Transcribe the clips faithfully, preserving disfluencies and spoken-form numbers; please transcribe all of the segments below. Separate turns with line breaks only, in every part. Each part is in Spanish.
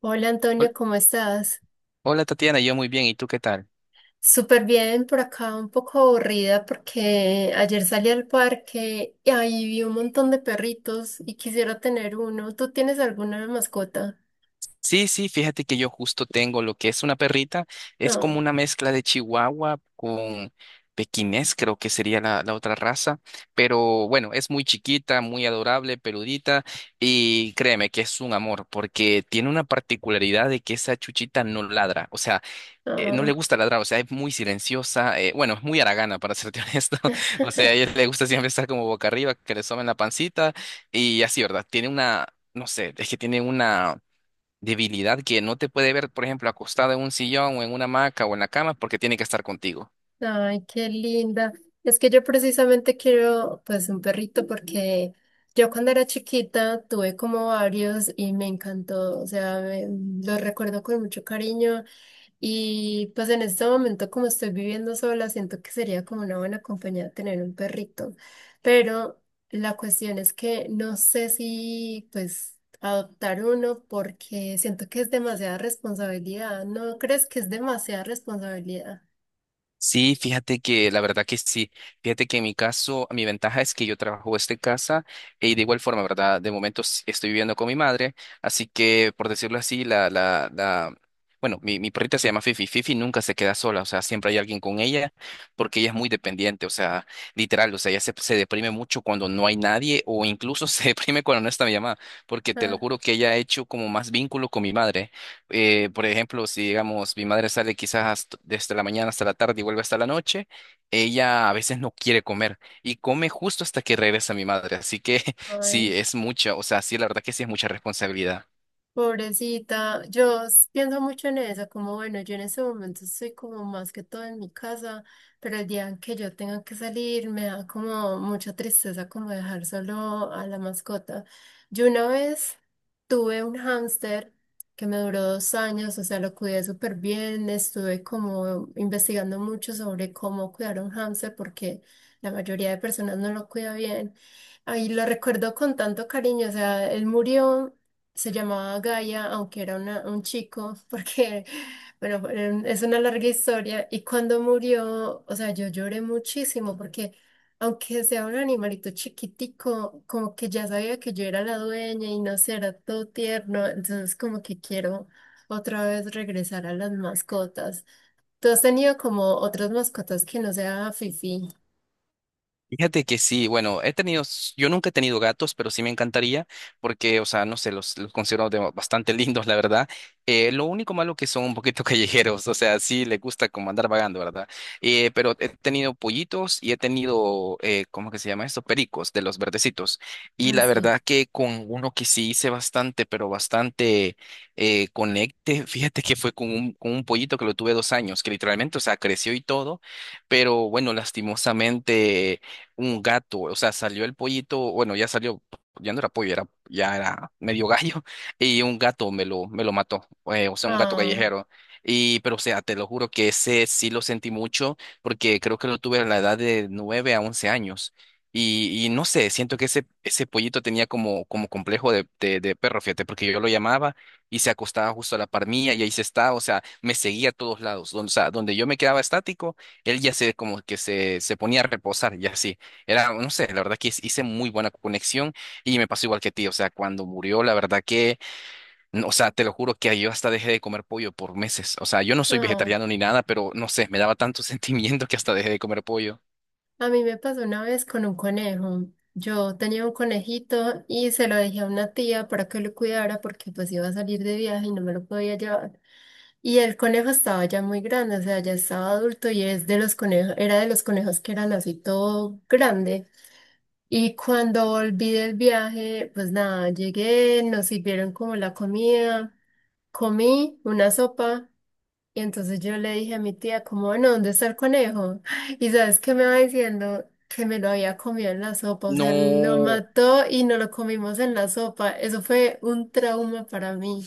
Hola
Hol-
Antonio, ¿cómo estás?
Hola Tatiana, yo muy bien, ¿y tú qué tal?
Súper bien, por acá un poco aburrida porque ayer salí al parque y ahí vi un montón de perritos y quisiera tener uno. ¿Tú tienes alguna mascota?
Sí, sí, fíjate que yo justo tengo lo que es una perrita, es como
No,
una mezcla de chihuahua con pequinés, creo que sería la, la otra raza, pero bueno, es muy chiquita, muy adorable, peludita, y créeme que es un amor, porque tiene una particularidad de que esa chuchita no ladra, o sea, eh, no le
no.
gusta ladrar, o sea, es muy silenciosa, eh, bueno, es muy haragana, para serte honesto, o sea, a ella le gusta siempre estar como boca arriba, que le soben la pancita y así, ¿verdad? Tiene una, no sé, es que tiene una debilidad que no te puede ver, por ejemplo, acostada en un sillón o en una hamaca o en la cama porque tiene que estar contigo.
Ay, qué linda. Es que yo precisamente quiero pues un perrito porque yo cuando era chiquita tuve como varios y me encantó, o sea, me- los recuerdo con mucho cariño. Y pues en este momento, como estoy viviendo sola, siento que sería como una buena compañía tener un perrito. Pero la cuestión es que no sé si pues adoptar uno porque siento que es demasiada responsabilidad. ¿No crees que es demasiada responsabilidad?
Sí, fíjate que la verdad que sí. Fíjate que en mi caso, mi ventaja es que yo trabajo desde casa y de igual forma, ¿verdad? De momento s- estoy viviendo con mi madre, así que por decirlo así, la, la, la, bueno, mi, mi perrita se llama Fifi. Fifi nunca se queda sola, o sea, siempre hay alguien con ella porque ella es muy dependiente, o sea, literal, o sea, ella se, se deprime mucho cuando no hay nadie o incluso se deprime cuando no está mi mamá, porque te lo
Ah,
juro que ella ha hecho como más vínculo con mi madre. Eh, por ejemplo, si digamos mi madre sale quizás hasta- desde la mañana hasta la tarde y vuelve hasta la noche, ella a veces no quiere comer y come justo hasta que regresa mi madre. Así que sí,
ay.
es mucha, o sea, sí, la verdad que sí es mucha responsabilidad.
Pobrecita, yo s- pienso mucho en eso, como bueno, yo en ese momento estoy como más que todo en mi casa, pero el día en que yo tenga que salir me da como mucha tristeza como dejar solo a la mascota. Yo una vez tuve un hámster que me duró dos años, o sea, lo cuidé súper bien, estuve como investigando mucho sobre cómo cuidar a un hámster porque la mayoría de personas no lo cuida bien. Ahí lo recuerdo con tanto cariño, o sea, él murió. Se llamaba Gaia, aunque era una- un chico, porque, bueno, eh, es una larga historia. Y cuando murió, o sea, yo lloré muchísimo porque, aunque sea un animalito chiquitico, como que ya sabía que yo era la dueña y no sé, era todo tierno. Entonces, como que quiero otra vez regresar a las mascotas. ¿Tú has tenido como otras mascotas que no sea Fifi?
Fíjate que sí, bueno, he tenido, s- yo nunca he tenido gatos, pero sí me encantaría, porque, o sea, no sé, los, los considero de- bastante lindos, la verdad. Eh, lo único malo que son un poquito callejeros, o sea, sí les gusta como andar vagando, ¿verdad? Eh, pero he tenido pollitos y he tenido, eh, ¿cómo que se llama esto? Pericos, de los verdecitos. Y
No
la
sé.
verdad que con uno que sí hice bastante, pero bastante eh, conecte, fíjate que fue con un, con un pollito que lo tuve dos años, que literalmente, o sea, creció y todo, pero bueno, lastimosamente un gato, o sea, salió el pollito, bueno, ya salió, ya no era pollo, era, ya era medio gallo, y un gato me lo, me lo mató, eh, o sea, un gato
Ah,
callejero. Y, pero, o sea, te lo juro que ese sí lo sentí mucho, porque creo que lo tuve a la edad de nueve a once años. Y, y no sé, siento que ese, ese pollito tenía como, como complejo de, de, de perro, fíjate, porque yo lo llamaba y se acostaba justo a la par mía y ahí se estaba, o sea, me seguía a todos lados, donde, o sea, donde yo me quedaba estático, él ya se como que se, se ponía a reposar y así. Era, no sé, la verdad que hice muy buena conexión y me pasó igual que a ti, o sea, cuando murió, la verdad que, no, o sea, te lo juro que yo hasta dejé de comer pollo por meses, o sea, yo no soy
ah.
vegetariano ni nada, pero no sé, me daba tanto sentimiento que hasta dejé de comer pollo.
A mí me pasó una vez con un conejo. Yo tenía un conejito y se lo dejé a una tía para que lo cuidara porque pues iba a salir de viaje y no me lo podía llevar. Y el conejo estaba ya muy grande, o sea, ya estaba adulto y es de los conejos, era de los conejos que eran así todo grande. Y cuando volví del viaje, pues nada, llegué, nos sirvieron como la comida, comí una sopa y entonces yo le dije a mi tía, como, bueno, ¿dónde está el conejo? Y sabes qué me va diciendo que me lo había comido en la sopa, o sea, lo
No,
mató y no lo comimos en la sopa. Eso fue un trauma para mí.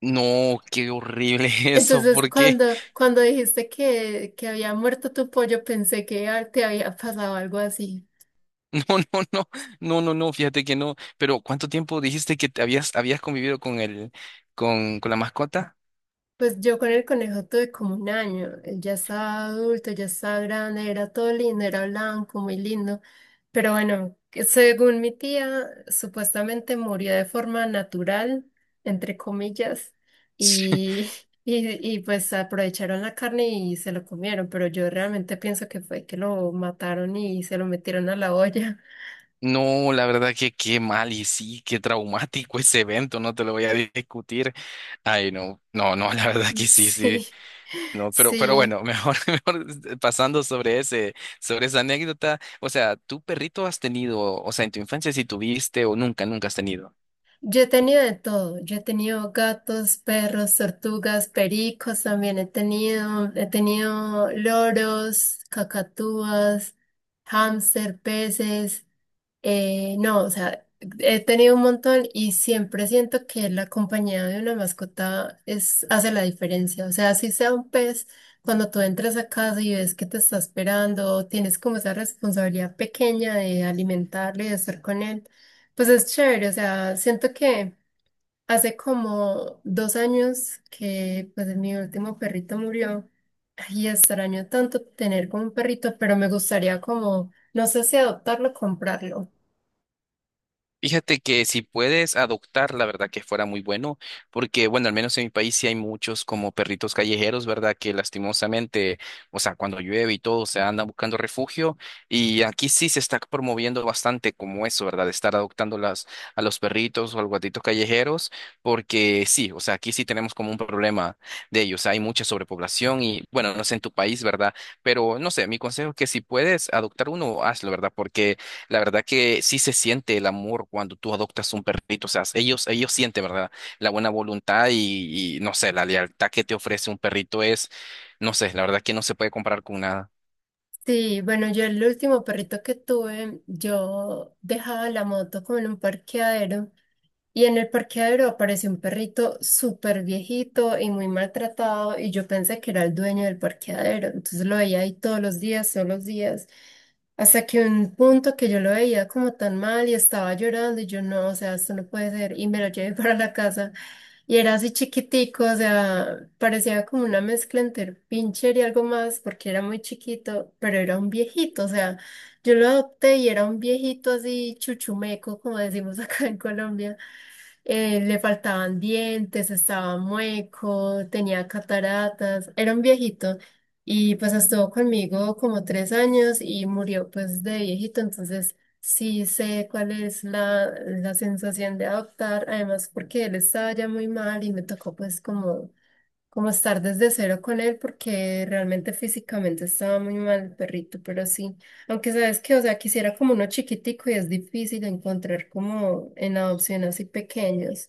no, qué horrible eso,
Entonces,
porque
cuando, cuando dijiste que, que había muerto tu pollo, pensé que ah, te había pasado algo así.
no, no, no, no, no, no, fíjate que no, pero ¿cuánto tiempo dijiste que te habías, habías convivido con el, con, con la mascota?
Pues yo con el conejo tuve como un año. Él ya estaba adulto, ya estaba grande, era todo lindo, era blanco, muy lindo. Pero bueno, que según mi tía, supuestamente murió de forma natural, entre comillas, y, y, y pues aprovecharon la carne y se lo comieron. Pero yo realmente pienso que fue que lo mataron y se lo metieron a la olla.
No, la verdad que qué mal y sí, qué traumático ese evento, no te lo voy a discutir. Ay, no, no, no, la verdad que sí, sí.
Sí,
No, pero, pero
sí.
bueno, mejor, mejor este, pasando sobre ese, sobre esa anécdota. O sea, ¿tu perrito has tenido, o sea, en tu infancia si tuviste o nunca, nunca has tenido?
Yo he tenido de todo. Yo he tenido gatos, perros, tortugas, pericos también he tenido. He tenido loros, cacatúas, hámster, peces. Eh, no, o sea, he tenido un montón y siempre siento que la compañía de una mascota es, hace la diferencia. O sea, si sea un pez, cuando tú entras a casa y ves que te está esperando, tienes como esa responsabilidad pequeña de alimentarlo y de estar con él, pues es chévere. O sea, siento que hace como dos años que pues mi último perrito murió. Y extraño tanto tener como un perrito, pero me gustaría como, no sé si adoptarlo o comprarlo.
Fíjate que si puedes adoptar, la verdad que fuera muy bueno, porque bueno, al menos en mi país sí hay muchos como perritos callejeros, ¿verdad? Que lastimosamente, o sea, cuando llueve y todo, se andan buscando refugio y aquí sí se está promoviendo bastante como eso, ¿verdad? De estar adoptando las, a los perritos o a los gatitos callejeros, porque sí, o sea, aquí sí tenemos como un problema de ellos, hay mucha sobrepoblación y bueno, no sé en tu país, ¿verdad? Pero no sé, mi consejo es que si puedes adoptar uno, hazlo, ¿verdad? Porque la verdad que sí se siente el amor cuando tú adoptas un perrito. O sea, ellos, ellos sienten, ¿verdad? La buena voluntad y, y no sé, la lealtad que te ofrece un perrito es, no sé, la verdad que no se puede comparar con nada.
Sí, bueno, yo el último perrito que tuve, yo dejaba la moto como en un parqueadero y en el parqueadero apareció un perrito súper viejito y muy maltratado y yo pensé que era el dueño del parqueadero, entonces lo veía ahí todos los días, todos los días. Hasta que un punto que yo lo veía como tan mal y estaba llorando y yo no, o sea, esto no puede ser y me lo llevé para la casa y era así chiquitico, o sea, parecía como una mezcla entre pincher y algo más porque era muy chiquito, pero era un viejito, o sea, yo lo adopté y era un viejito así chuchumeco, como decimos acá en Colombia eh, le faltaban dientes, estaba mueco, tenía cataratas, era un viejito y pues estuvo conmigo como tres años y murió pues de viejito, entonces sí sé cuál es la, la sensación de adoptar, además porque él estaba ya muy mal y me tocó pues como como estar desde cero con él porque realmente físicamente estaba muy mal el perrito, pero sí, aunque sabes que, o sea, quisiera como uno chiquitico y es difícil encontrar como en adopción así pequeños.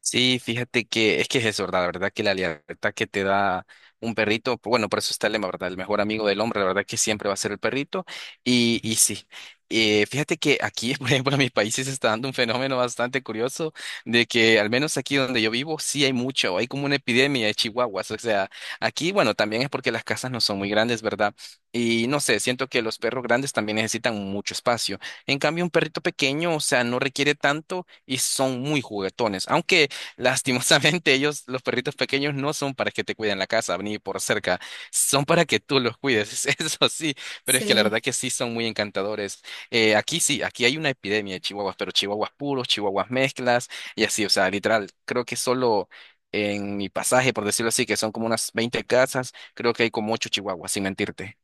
Sí, fíjate que es que es eso, ¿verdad? La verdad que la lealtad que te da un perrito, pues, bueno, por eso está el lema, ¿verdad? El mejor amigo del hombre, la verdad que siempre va a ser el perrito. Y, y sí, eh, fíjate que aquí, por ejemplo, en mi país sí se está dando un fenómeno bastante curioso de que al menos aquí donde yo vivo sí hay mucho, hay como una epidemia de chihuahuas. O sea, aquí, bueno, también es porque las casas no son muy grandes, ¿verdad? Y no sé, siento que los perros grandes también necesitan mucho espacio. En cambio, un perrito pequeño, o sea, no requiere tanto y son muy juguetones. Aunque lastimosamente, ellos, los perritos pequeños, no son para que te cuiden la casa ni por cerca, son para que tú los cuides, eso sí, pero es que la verdad
Sí.
que sí son muy encantadores. Eh, aquí sí, aquí hay una epidemia de chihuahuas, pero chihuahuas puros, chihuahuas mezclas y así, o sea, literal, creo que solo en mi pasaje, por decirlo así, que son como unas veinte casas, creo que hay como ocho chihuahuas, sin mentirte.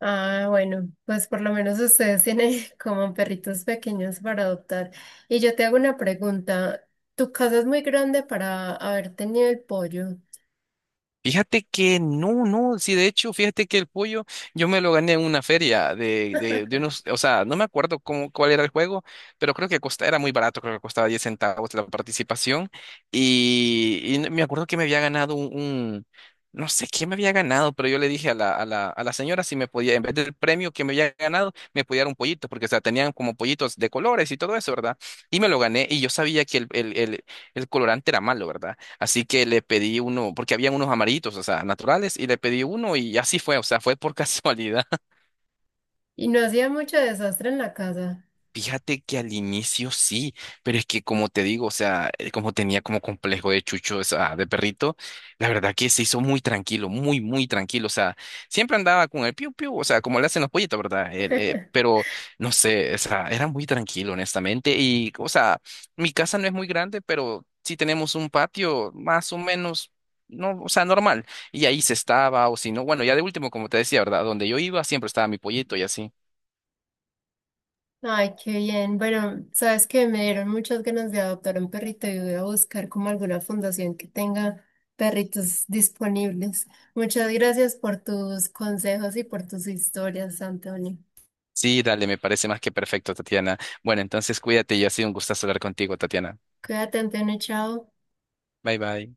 Ah, bueno, pues por lo menos ustedes tienen como perritos pequeños para adoptar. Y yo te hago una pregunta. Tu casa es muy grande para haber tenido el pollo
Fíjate que no, no, sí, de hecho, fíjate que el pollo yo me lo gané en una feria de, de, de unos, o sea, no me acuerdo cómo, cuál era el juego, pero creo que costa, era muy barato, creo que costaba diez centavos la participación y, y me acuerdo que me había ganado un, un- no sé qué me había ganado, pero yo le dije a la, a la, a la señora si me podía, en vez del premio que me había ganado, me podía dar un pollito, porque, o sea, tenían como pollitos de colores y todo eso, ¿verdad? Y me lo gané y yo sabía que el, el, el, el colorante era malo, ¿verdad? Así que le pedí uno, porque habían unos amarillitos, o sea, naturales, y le pedí uno y así fue, o sea, fue por casualidad.
y no hacía mucho desastre en la casa.
Fíjate que al inicio sí, pero es que como te digo, o sea, eh, como tenía como complejo de chucho, o sea, de perrito, la verdad que se hizo muy tranquilo, muy, muy tranquilo, o sea, siempre andaba con el piu piu, o sea, como le hacen los pollitos, ¿verdad? El, eh, pero no sé, o sea, era muy tranquilo, honestamente, y, o sea, mi casa no es muy grande, pero sí tenemos un patio más o menos. No, o sea, normal. Y ahí se estaba, o si no, bueno, ya de último, como te decía, ¿verdad? Donde yo iba siempre estaba mi pollito y así.
Ay, qué bien. Bueno, sabes que me dieron muchas ganas de adoptar un perrito y voy a buscar como alguna fundación que tenga perritos disponibles. Muchas gracias por tus consejos y por tus historias, Antonio.
Sí, dale, me parece más que perfecto, Tatiana. Bueno, entonces cuídate y ha sido un gusto hablar contigo, Tatiana.
Cuídate, Antonio, chao.
Bye bye.